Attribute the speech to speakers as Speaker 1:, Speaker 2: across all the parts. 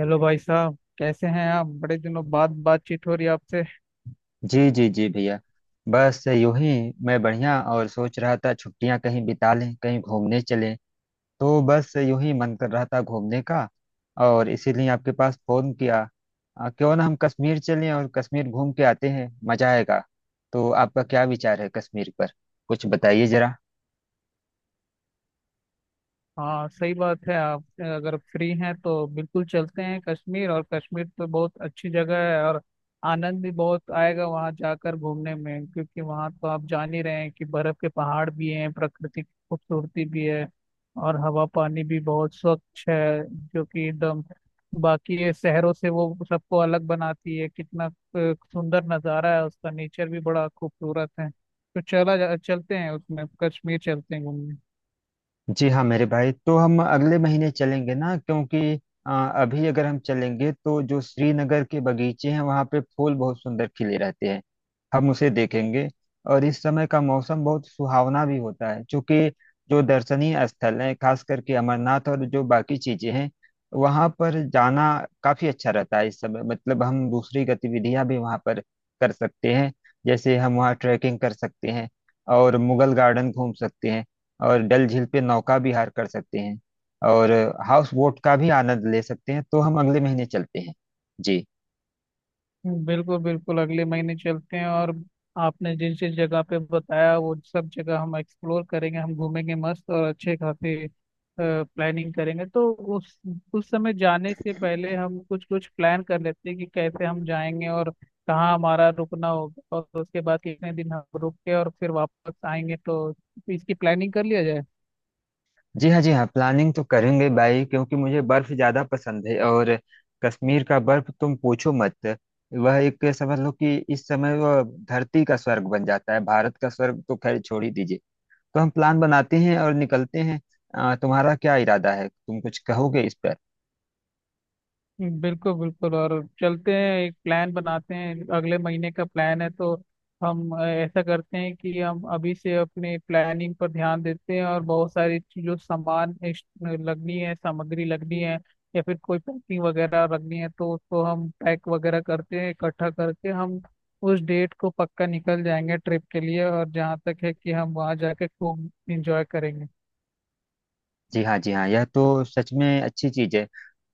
Speaker 1: Hello भाई साहब, कैसे हैं आप? बड़े दिनों बाद बातचीत हो रही है आपसे।
Speaker 2: जी जी जी भैया। बस यूं ही। मैं बढ़िया। और सोच रहा था, छुट्टियां कहीं बिता लें, कहीं घूमने चलें। तो बस यूं ही मन कर रहा था घूमने का, और इसीलिए आपके पास फोन किया। क्यों ना हम कश्मीर चलें और कश्मीर घूम के आते हैं, मजा आएगा। तो आपका क्या विचार है कश्मीर पर? कुछ बताइए जरा।
Speaker 1: हाँ, सही बात है। आप अगर फ्री हैं तो बिल्कुल चलते हैं कश्मीर। और कश्मीर तो बहुत अच्छी जगह है, और आनंद भी बहुत आएगा वहाँ जाकर घूमने में, क्योंकि वहाँ तो आप जान ही रहे हैं कि बर्फ के पहाड़ भी हैं, प्रकृति की खूबसूरती भी है, और हवा पानी भी बहुत स्वच्छ है, जो कि एकदम बाकी ये शहरों से वो सबको अलग बनाती है। कितना सुंदर नज़ारा है उसका, नेचर भी बड़ा खूबसूरत है। तो चला जा, चलते हैं उसमें, कश्मीर चलते हैं घूमने।
Speaker 2: जी हाँ मेरे भाई, तो हम अगले महीने चलेंगे ना, क्योंकि अ, अभी अगर हम चलेंगे तो जो श्रीनगर के बगीचे हैं वहाँ पे फूल बहुत सुंदर खिले रहते हैं, हम उसे देखेंगे। और इस समय का मौसम बहुत सुहावना भी होता है। क्योंकि जो दर्शनीय स्थल हैं, खास करके अमरनाथ और जो बाकी चीजें हैं, वहाँ पर जाना काफी अच्छा रहता है इस समय। मतलब हम दूसरी गतिविधियां भी वहाँ पर कर सकते हैं। जैसे हम वहाँ ट्रैकिंग कर सकते हैं, और मुगल गार्डन घूम सकते हैं, और डल झील पे नौका विहार कर सकते हैं, और हाउस बोट का भी आनंद ले सकते हैं। तो हम अगले महीने चलते हैं जी।
Speaker 1: बिल्कुल बिल्कुल, अगले महीने चलते हैं। और आपने जिस जिस जगह पे बताया, वो सब जगह हम एक्सप्लोर करेंगे, हम घूमेंगे मस्त, और अच्छे खासे प्लानिंग करेंगे। तो उस उस समय जाने से पहले हम कुछ कुछ प्लान कर लेते हैं कि कैसे हम जाएंगे, और कहाँ हमारा रुकना होगा, और उसके बाद कितने दिन हम रुक के और फिर वापस आएंगे। तो इसकी प्लानिंग कर लिया जाए।
Speaker 2: जी हाँ जी हाँ, प्लानिंग तो करेंगे भाई, क्योंकि मुझे बर्फ ज़्यादा पसंद है। और कश्मीर का बर्फ तुम पूछो मत। वह एक समझ लो कि इस समय वह धरती का स्वर्ग बन जाता है, भारत का स्वर्ग तो खैर छोड़ ही दीजिए। तो हम प्लान बनाते हैं और निकलते हैं। तुम्हारा क्या इरादा है? तुम कुछ कहोगे इस पर?
Speaker 1: बिल्कुल बिल्कुल। और चलते हैं, एक प्लान बनाते हैं। अगले महीने का प्लान है, तो हम ऐसा करते हैं कि हम अभी से अपने प्लानिंग पर ध्यान देते हैं, और बहुत सारी जो सामान लगनी है, सामग्री लगनी है, या फिर कोई पैकिंग वगैरह रखनी है, तो उसको हम पैक वगैरह करते हैं, इकट्ठा करके हम उस डेट को पक्का निकल जाएंगे ट्रिप के लिए। और जहाँ तक है कि हम वहाँ जाके खूब इंजॉय करेंगे।
Speaker 2: जी हाँ जी हाँ, यह तो सच में अच्छी चीज है।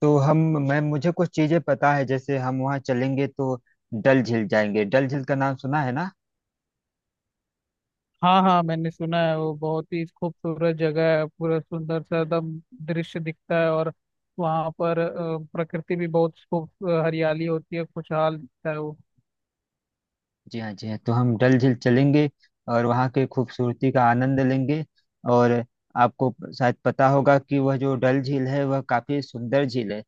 Speaker 2: तो हम, मैं मुझे कुछ चीजें पता है। जैसे हम वहाँ चलेंगे तो डल झील जाएंगे। डल झील का नाम सुना है ना?
Speaker 1: हाँ हाँ, मैंने सुना है, वो बहुत ही खूबसूरत जगह है। पूरा सुंदर सा एकदम दृश्य दिखता है, और वहाँ पर प्रकृति भी बहुत खूब हरियाली होती है, खुशहाल दिखता है वो।
Speaker 2: जी हाँ जी हाँ, तो हम डल झील चलेंगे और वहाँ के खूबसूरती का आनंद लेंगे। और आपको शायद पता होगा कि वह जो डल झील है वह काफी सुंदर झील है।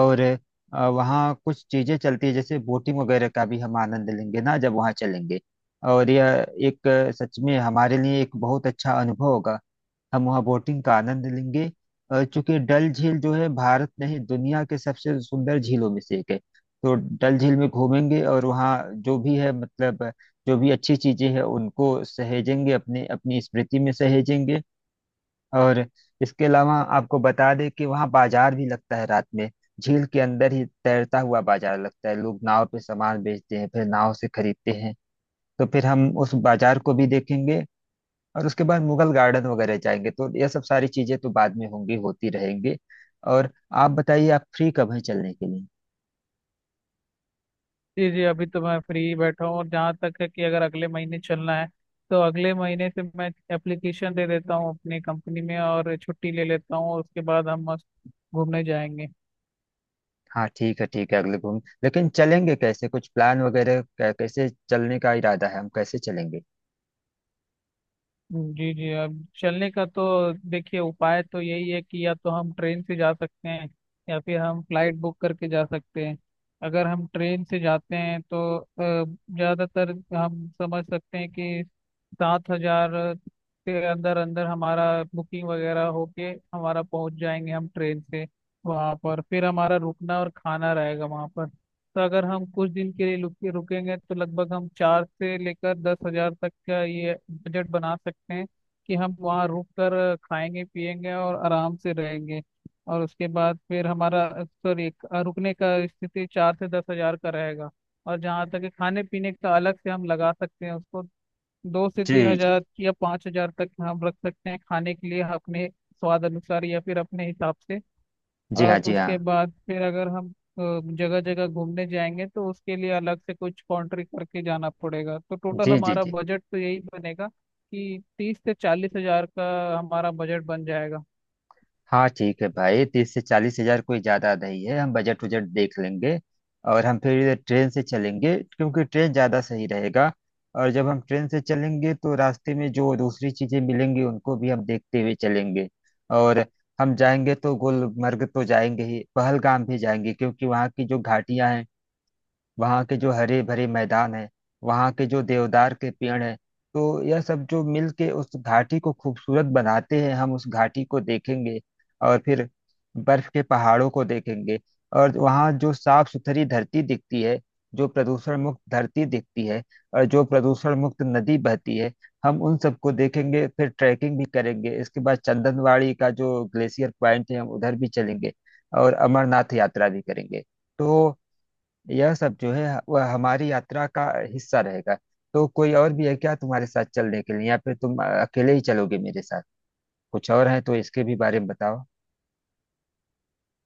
Speaker 2: और वहाँ कुछ चीजें चलती है, जैसे बोटिंग वगैरह का भी हम आनंद लेंगे ना जब वहाँ चलेंगे। और यह एक, सच में हमारे लिए एक बहुत अच्छा अनुभव होगा। हम वहाँ बोटिंग का आनंद लेंगे। चूंकि डल झील जो है भारत नहीं, दुनिया के सबसे सुंदर झीलों में से एक है। तो डल झील में घूमेंगे, और वहाँ जो भी है, मतलब जो भी अच्छी चीजें हैं उनको सहेजेंगे, अपने, अपनी स्मृति में सहेजेंगे। और इसके अलावा आपको बता दें कि वहाँ बाजार भी लगता है रात में, झील के अंदर ही तैरता हुआ बाजार लगता है। लोग नाव पे सामान बेचते हैं, फिर नाव से खरीदते हैं। तो फिर हम उस बाजार को भी देखेंगे। और उसके बाद मुगल गार्डन वगैरह जाएंगे। तो ये सब सारी चीजें तो बाद में होंगी, होती रहेंगी। और आप बताइए, आप फ्री कब हैं चलने के लिए?
Speaker 1: जी जी, अभी तो मैं फ्री बैठा हूँ। और जहाँ तक है कि अगर अगले महीने चलना है, तो अगले महीने से मैं एप्लीकेशन दे देता हूँ अपनी कंपनी में, और छुट्टी ले लेता हूँ, और उसके बाद हम मस्त घूमने जाएंगे।
Speaker 2: हाँ ठीक है ठीक है, अगले घूम, लेकिन चलेंगे कैसे? कुछ प्लान वगैरह, कैसे चलने का इरादा है, हम कैसे चलेंगे?
Speaker 1: जी जी, अब चलने का तो देखिए उपाय तो यही है कि या तो हम ट्रेन से जा सकते हैं, या फिर हम फ्लाइट बुक करके जा सकते हैं। अगर हम ट्रेन से जाते हैं तो ज़्यादातर हम समझ सकते हैं कि 7 हजार के अंदर अंदर हमारा बुकिंग वगैरह होके हमारा पहुंच जाएंगे हम ट्रेन से। वहाँ पर फिर हमारा रुकना और खाना रहेगा वहाँ पर। तो अगर हम कुछ दिन के लिए रुकेंगे तो लगभग हम 4 से लेकर 10 हजार तक का ये बजट बना सकते हैं कि हम वहाँ रुक कर खाएंगे पिएंगे और आराम से रहेंगे। और उसके बाद फिर हमारा, सॉरी, रुकने का स्थिति 4 से 10 हजार का रहेगा। और जहाँ तक है, खाने पीने का अलग से हम लगा सकते हैं उसको। दो से तीन
Speaker 2: जी जी।
Speaker 1: हजार या पाँच हजार तक हम रख सकते हैं खाने के लिए, अपने स्वाद अनुसार या फिर अपने हिसाब से।
Speaker 2: जी हाँ
Speaker 1: और
Speaker 2: जी हाँ।
Speaker 1: उसके बाद फिर अगर हम जगह जगह घूमने जाएंगे तो उसके लिए अलग से कुछ कॉन्ट्री करके जाना पड़ेगा। तो टोटल
Speaker 2: जी जी।
Speaker 1: हमारा
Speaker 2: जी
Speaker 1: बजट तो यही बनेगा, कि 30 से 40 हजार का हमारा बजट बन जाएगा।
Speaker 2: हाँ ठीक है भाई, तीस से चालीस हजार कोई ज्यादा नहीं है, हम बजट उजट देख लेंगे। और हम फिर ट्रेन से चलेंगे, क्योंकि ट्रेन ज्यादा सही रहेगा। और जब हम ट्रेन से चलेंगे तो रास्ते में जो दूसरी चीजें मिलेंगी उनको भी हम देखते हुए चलेंगे। और हम जाएंगे तो गुलमर्ग तो जाएंगे ही, पहलगाम भी जाएंगे। क्योंकि वहाँ की जो घाटियां हैं, वहाँ के जो हरे भरे मैदान है, वहाँ के जो देवदार के पेड़ है, तो यह सब जो मिल के उस घाटी को खूबसूरत बनाते हैं, हम उस घाटी को देखेंगे। और फिर बर्फ के पहाड़ों को देखेंगे। और वहाँ जो साफ सुथरी धरती दिखती है, जो प्रदूषण मुक्त धरती दिखती है, और जो प्रदूषण मुक्त नदी बहती है, हम उन सबको देखेंगे। फिर ट्रैकिंग भी करेंगे। इसके बाद चंदनवाड़ी का जो ग्लेशियर पॉइंट है, हम उधर भी चलेंगे। और अमरनाथ यात्रा भी करेंगे। तो यह सब जो है वह हमारी यात्रा का हिस्सा रहेगा। तो कोई और भी है क्या तुम्हारे साथ चलने के लिए, या फिर तुम अकेले ही चलोगे मेरे साथ? कुछ और है तो इसके भी बारे में बताओ।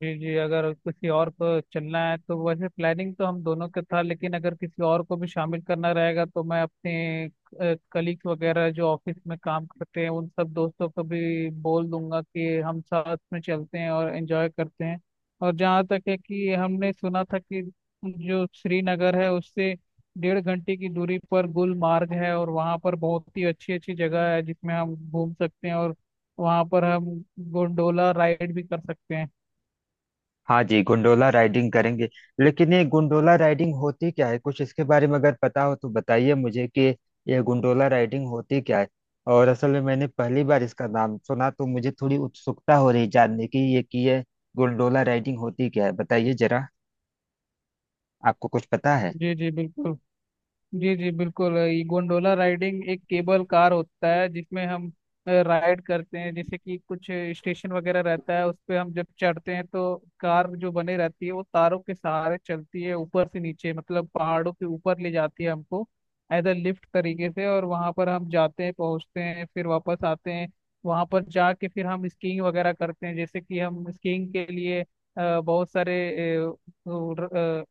Speaker 1: जी जी, अगर किसी और को चलना है, तो वैसे प्लानिंग तो हम दोनों का था, लेकिन अगर किसी और को भी शामिल करना रहेगा, तो मैं अपने कलीग्स वगैरह जो ऑफिस में काम करते हैं उन सब दोस्तों को भी बोल दूंगा कि हम साथ में चलते हैं और एंजॉय करते हैं। और जहाँ तक है कि हमने सुना था कि जो श्रीनगर है उससे डेढ़ घंटे की दूरी पर गुलमार्ग है, और वहाँ पर बहुत ही अच्छी अच्छी जगह है जिसमें हम घूम सकते हैं, और वहाँ पर हम गोंडोला राइड भी कर सकते हैं।
Speaker 2: हाँ जी, गोंडोला राइडिंग करेंगे। लेकिन ये गोंडोला राइडिंग होती क्या है? कुछ इसके बारे में अगर पता हो तो बताइए मुझे कि यह गोंडोला राइडिंग होती क्या है। और असल में मैंने पहली बार इसका नाम सुना, तो मुझे थोड़ी उत्सुकता हो रही जानने की ये कि यह गोंडोला राइडिंग होती क्या है, बताइए जरा। आपको कुछ पता है?
Speaker 1: जी जी बिल्कुल। जी जी बिल्कुल, ये गोंडोला राइडिंग एक केबल कार होता है जिसमें हम राइड करते हैं। जैसे कि कुछ स्टेशन वगैरह रहता है, उस पे हम जब चढ़ते हैं तो कार जो बनी रहती है वो तारों के सहारे चलती है ऊपर से नीचे, मतलब पहाड़ों के ऊपर ले जाती है हमको एज अ लिफ्ट तरीके से। और वहां पर हम जाते हैं, पहुंचते हैं, फिर वापस आते हैं। वहां पर जाके फिर हम स्कीइंग वगैरह करते हैं। जैसे कि हम स्कीइंग के लिए बहुत सारे अ, अ,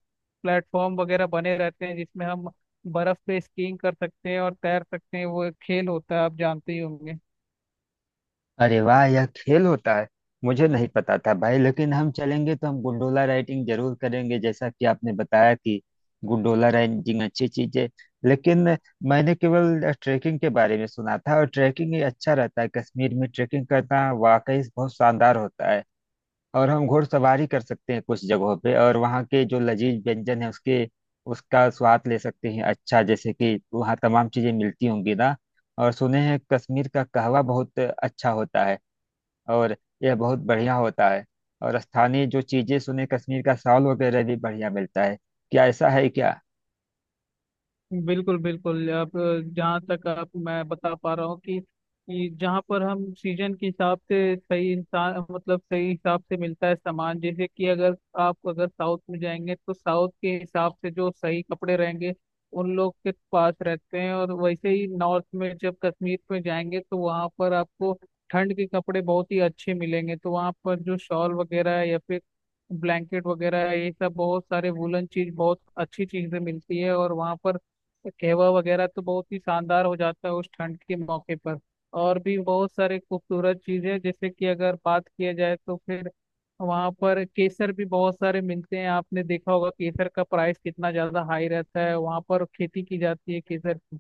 Speaker 1: प्लेटफॉर्म वगैरह बने रहते हैं जिसमें हम बर्फ पे स्कीइंग कर सकते हैं और तैर सकते हैं। वो एक खेल होता है, आप जानते ही होंगे।
Speaker 2: अरे वाह, यह खेल होता है! मुझे नहीं पता था भाई, लेकिन हम चलेंगे तो हम गुंडोला राइडिंग जरूर करेंगे, जैसा कि आपने बताया कि गुंडोला राइडिंग अच्छी चीज है। लेकिन मैंने केवल ट्रैकिंग के बारे में सुना था, और ट्रैकिंग ये अच्छा रहता है, कश्मीर में ट्रैकिंग करना वाकई बहुत शानदार होता है। और हम घोड़सवारी कर सकते हैं कुछ जगहों पे, और वहाँ के जो लजीज व्यंजन है उसके उसका स्वाद ले सकते हैं। अच्छा, जैसे कि वहाँ तमाम चीजें मिलती होंगी ना, और सुने हैं कश्मीर का कहवा बहुत अच्छा होता है, और यह बहुत बढ़िया होता है। और स्थानीय जो चीजें सुने, कश्मीर का शॉल वगैरह भी बढ़िया मिलता है, क्या ऐसा है क्या?
Speaker 1: बिल्कुल बिल्कुल। आप, जहाँ तक आप मैं बता पा रहा हूँ, कि जहाँ पर हम सीजन के हिसाब से सही इंसान, मतलब सही हिसाब से मिलता है सामान। जैसे कि अगर आप, अगर साउथ में जाएंगे तो साउथ के हिसाब से जो सही कपड़े रहेंगे उन लोग के पास रहते हैं। और वैसे ही नॉर्थ में, जब कश्मीर में जाएंगे तो वहाँ पर आपको ठंड के कपड़े बहुत ही अच्छे मिलेंगे। तो वहाँ पर जो शॉल वगैरह है, या फिर ब्लैंकेट वगैरह है, ये सब बहुत सारे वुलन चीज, बहुत अच्छी चीजें मिलती है। और वहाँ पर कहवा वगैरह तो बहुत ही शानदार हो जाता है उस ठंड के मौके पर। और भी बहुत सारे खूबसूरत चीजें, जैसे कि अगर बात किया जाए, तो फिर वहाँ पर केसर भी बहुत सारे मिलते हैं। आपने देखा होगा केसर का प्राइस कितना ज्यादा हाई रहता है, वहाँ पर खेती की जाती है केसर की।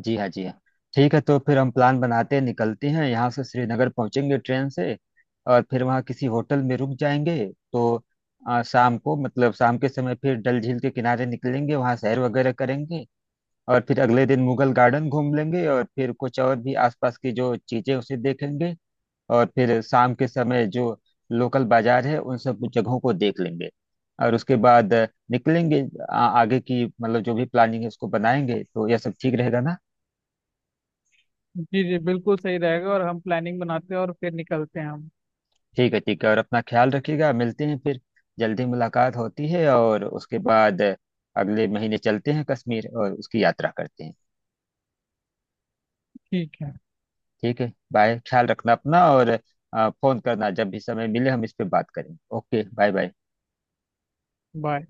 Speaker 2: जी हाँ जी हाँ, ठीक है। तो फिर हम प्लान बनाते हैं, निकलते हैं यहाँ से, श्रीनगर पहुंचेंगे ट्रेन से, और फिर वहाँ किसी होटल में रुक जाएंगे। तो शाम को, मतलब शाम के समय, फिर डल झील के किनारे निकलेंगे, वहाँ सैर वगैरह करेंगे। और फिर अगले दिन मुगल गार्डन घूम लेंगे, और फिर कुछ और भी आसपास की जो चीजें उसे देखेंगे। और फिर शाम के समय जो लोकल बाजार है उन सब जगहों को देख लेंगे। और उसके बाद निकलेंगे, आगे की, मतलब जो भी प्लानिंग है उसको बनाएंगे। तो यह सब ठीक रहेगा ना?
Speaker 1: जी जी बिल्कुल सही रहेगा, और हम प्लानिंग बनाते हैं और फिर निकलते हैं हम।
Speaker 2: ठीक है ठीक है, और अपना ख्याल रखिएगा, मिलते हैं फिर। जल्दी मुलाकात होती है, और उसके बाद अगले महीने चलते हैं कश्मीर और उसकी यात्रा करते हैं।
Speaker 1: ठीक है।
Speaker 2: ठीक है बाय, ख्याल रखना अपना। और फोन करना जब भी समय मिले, हम इस पे बात करेंगे। Okay bye bye.
Speaker 1: बाय।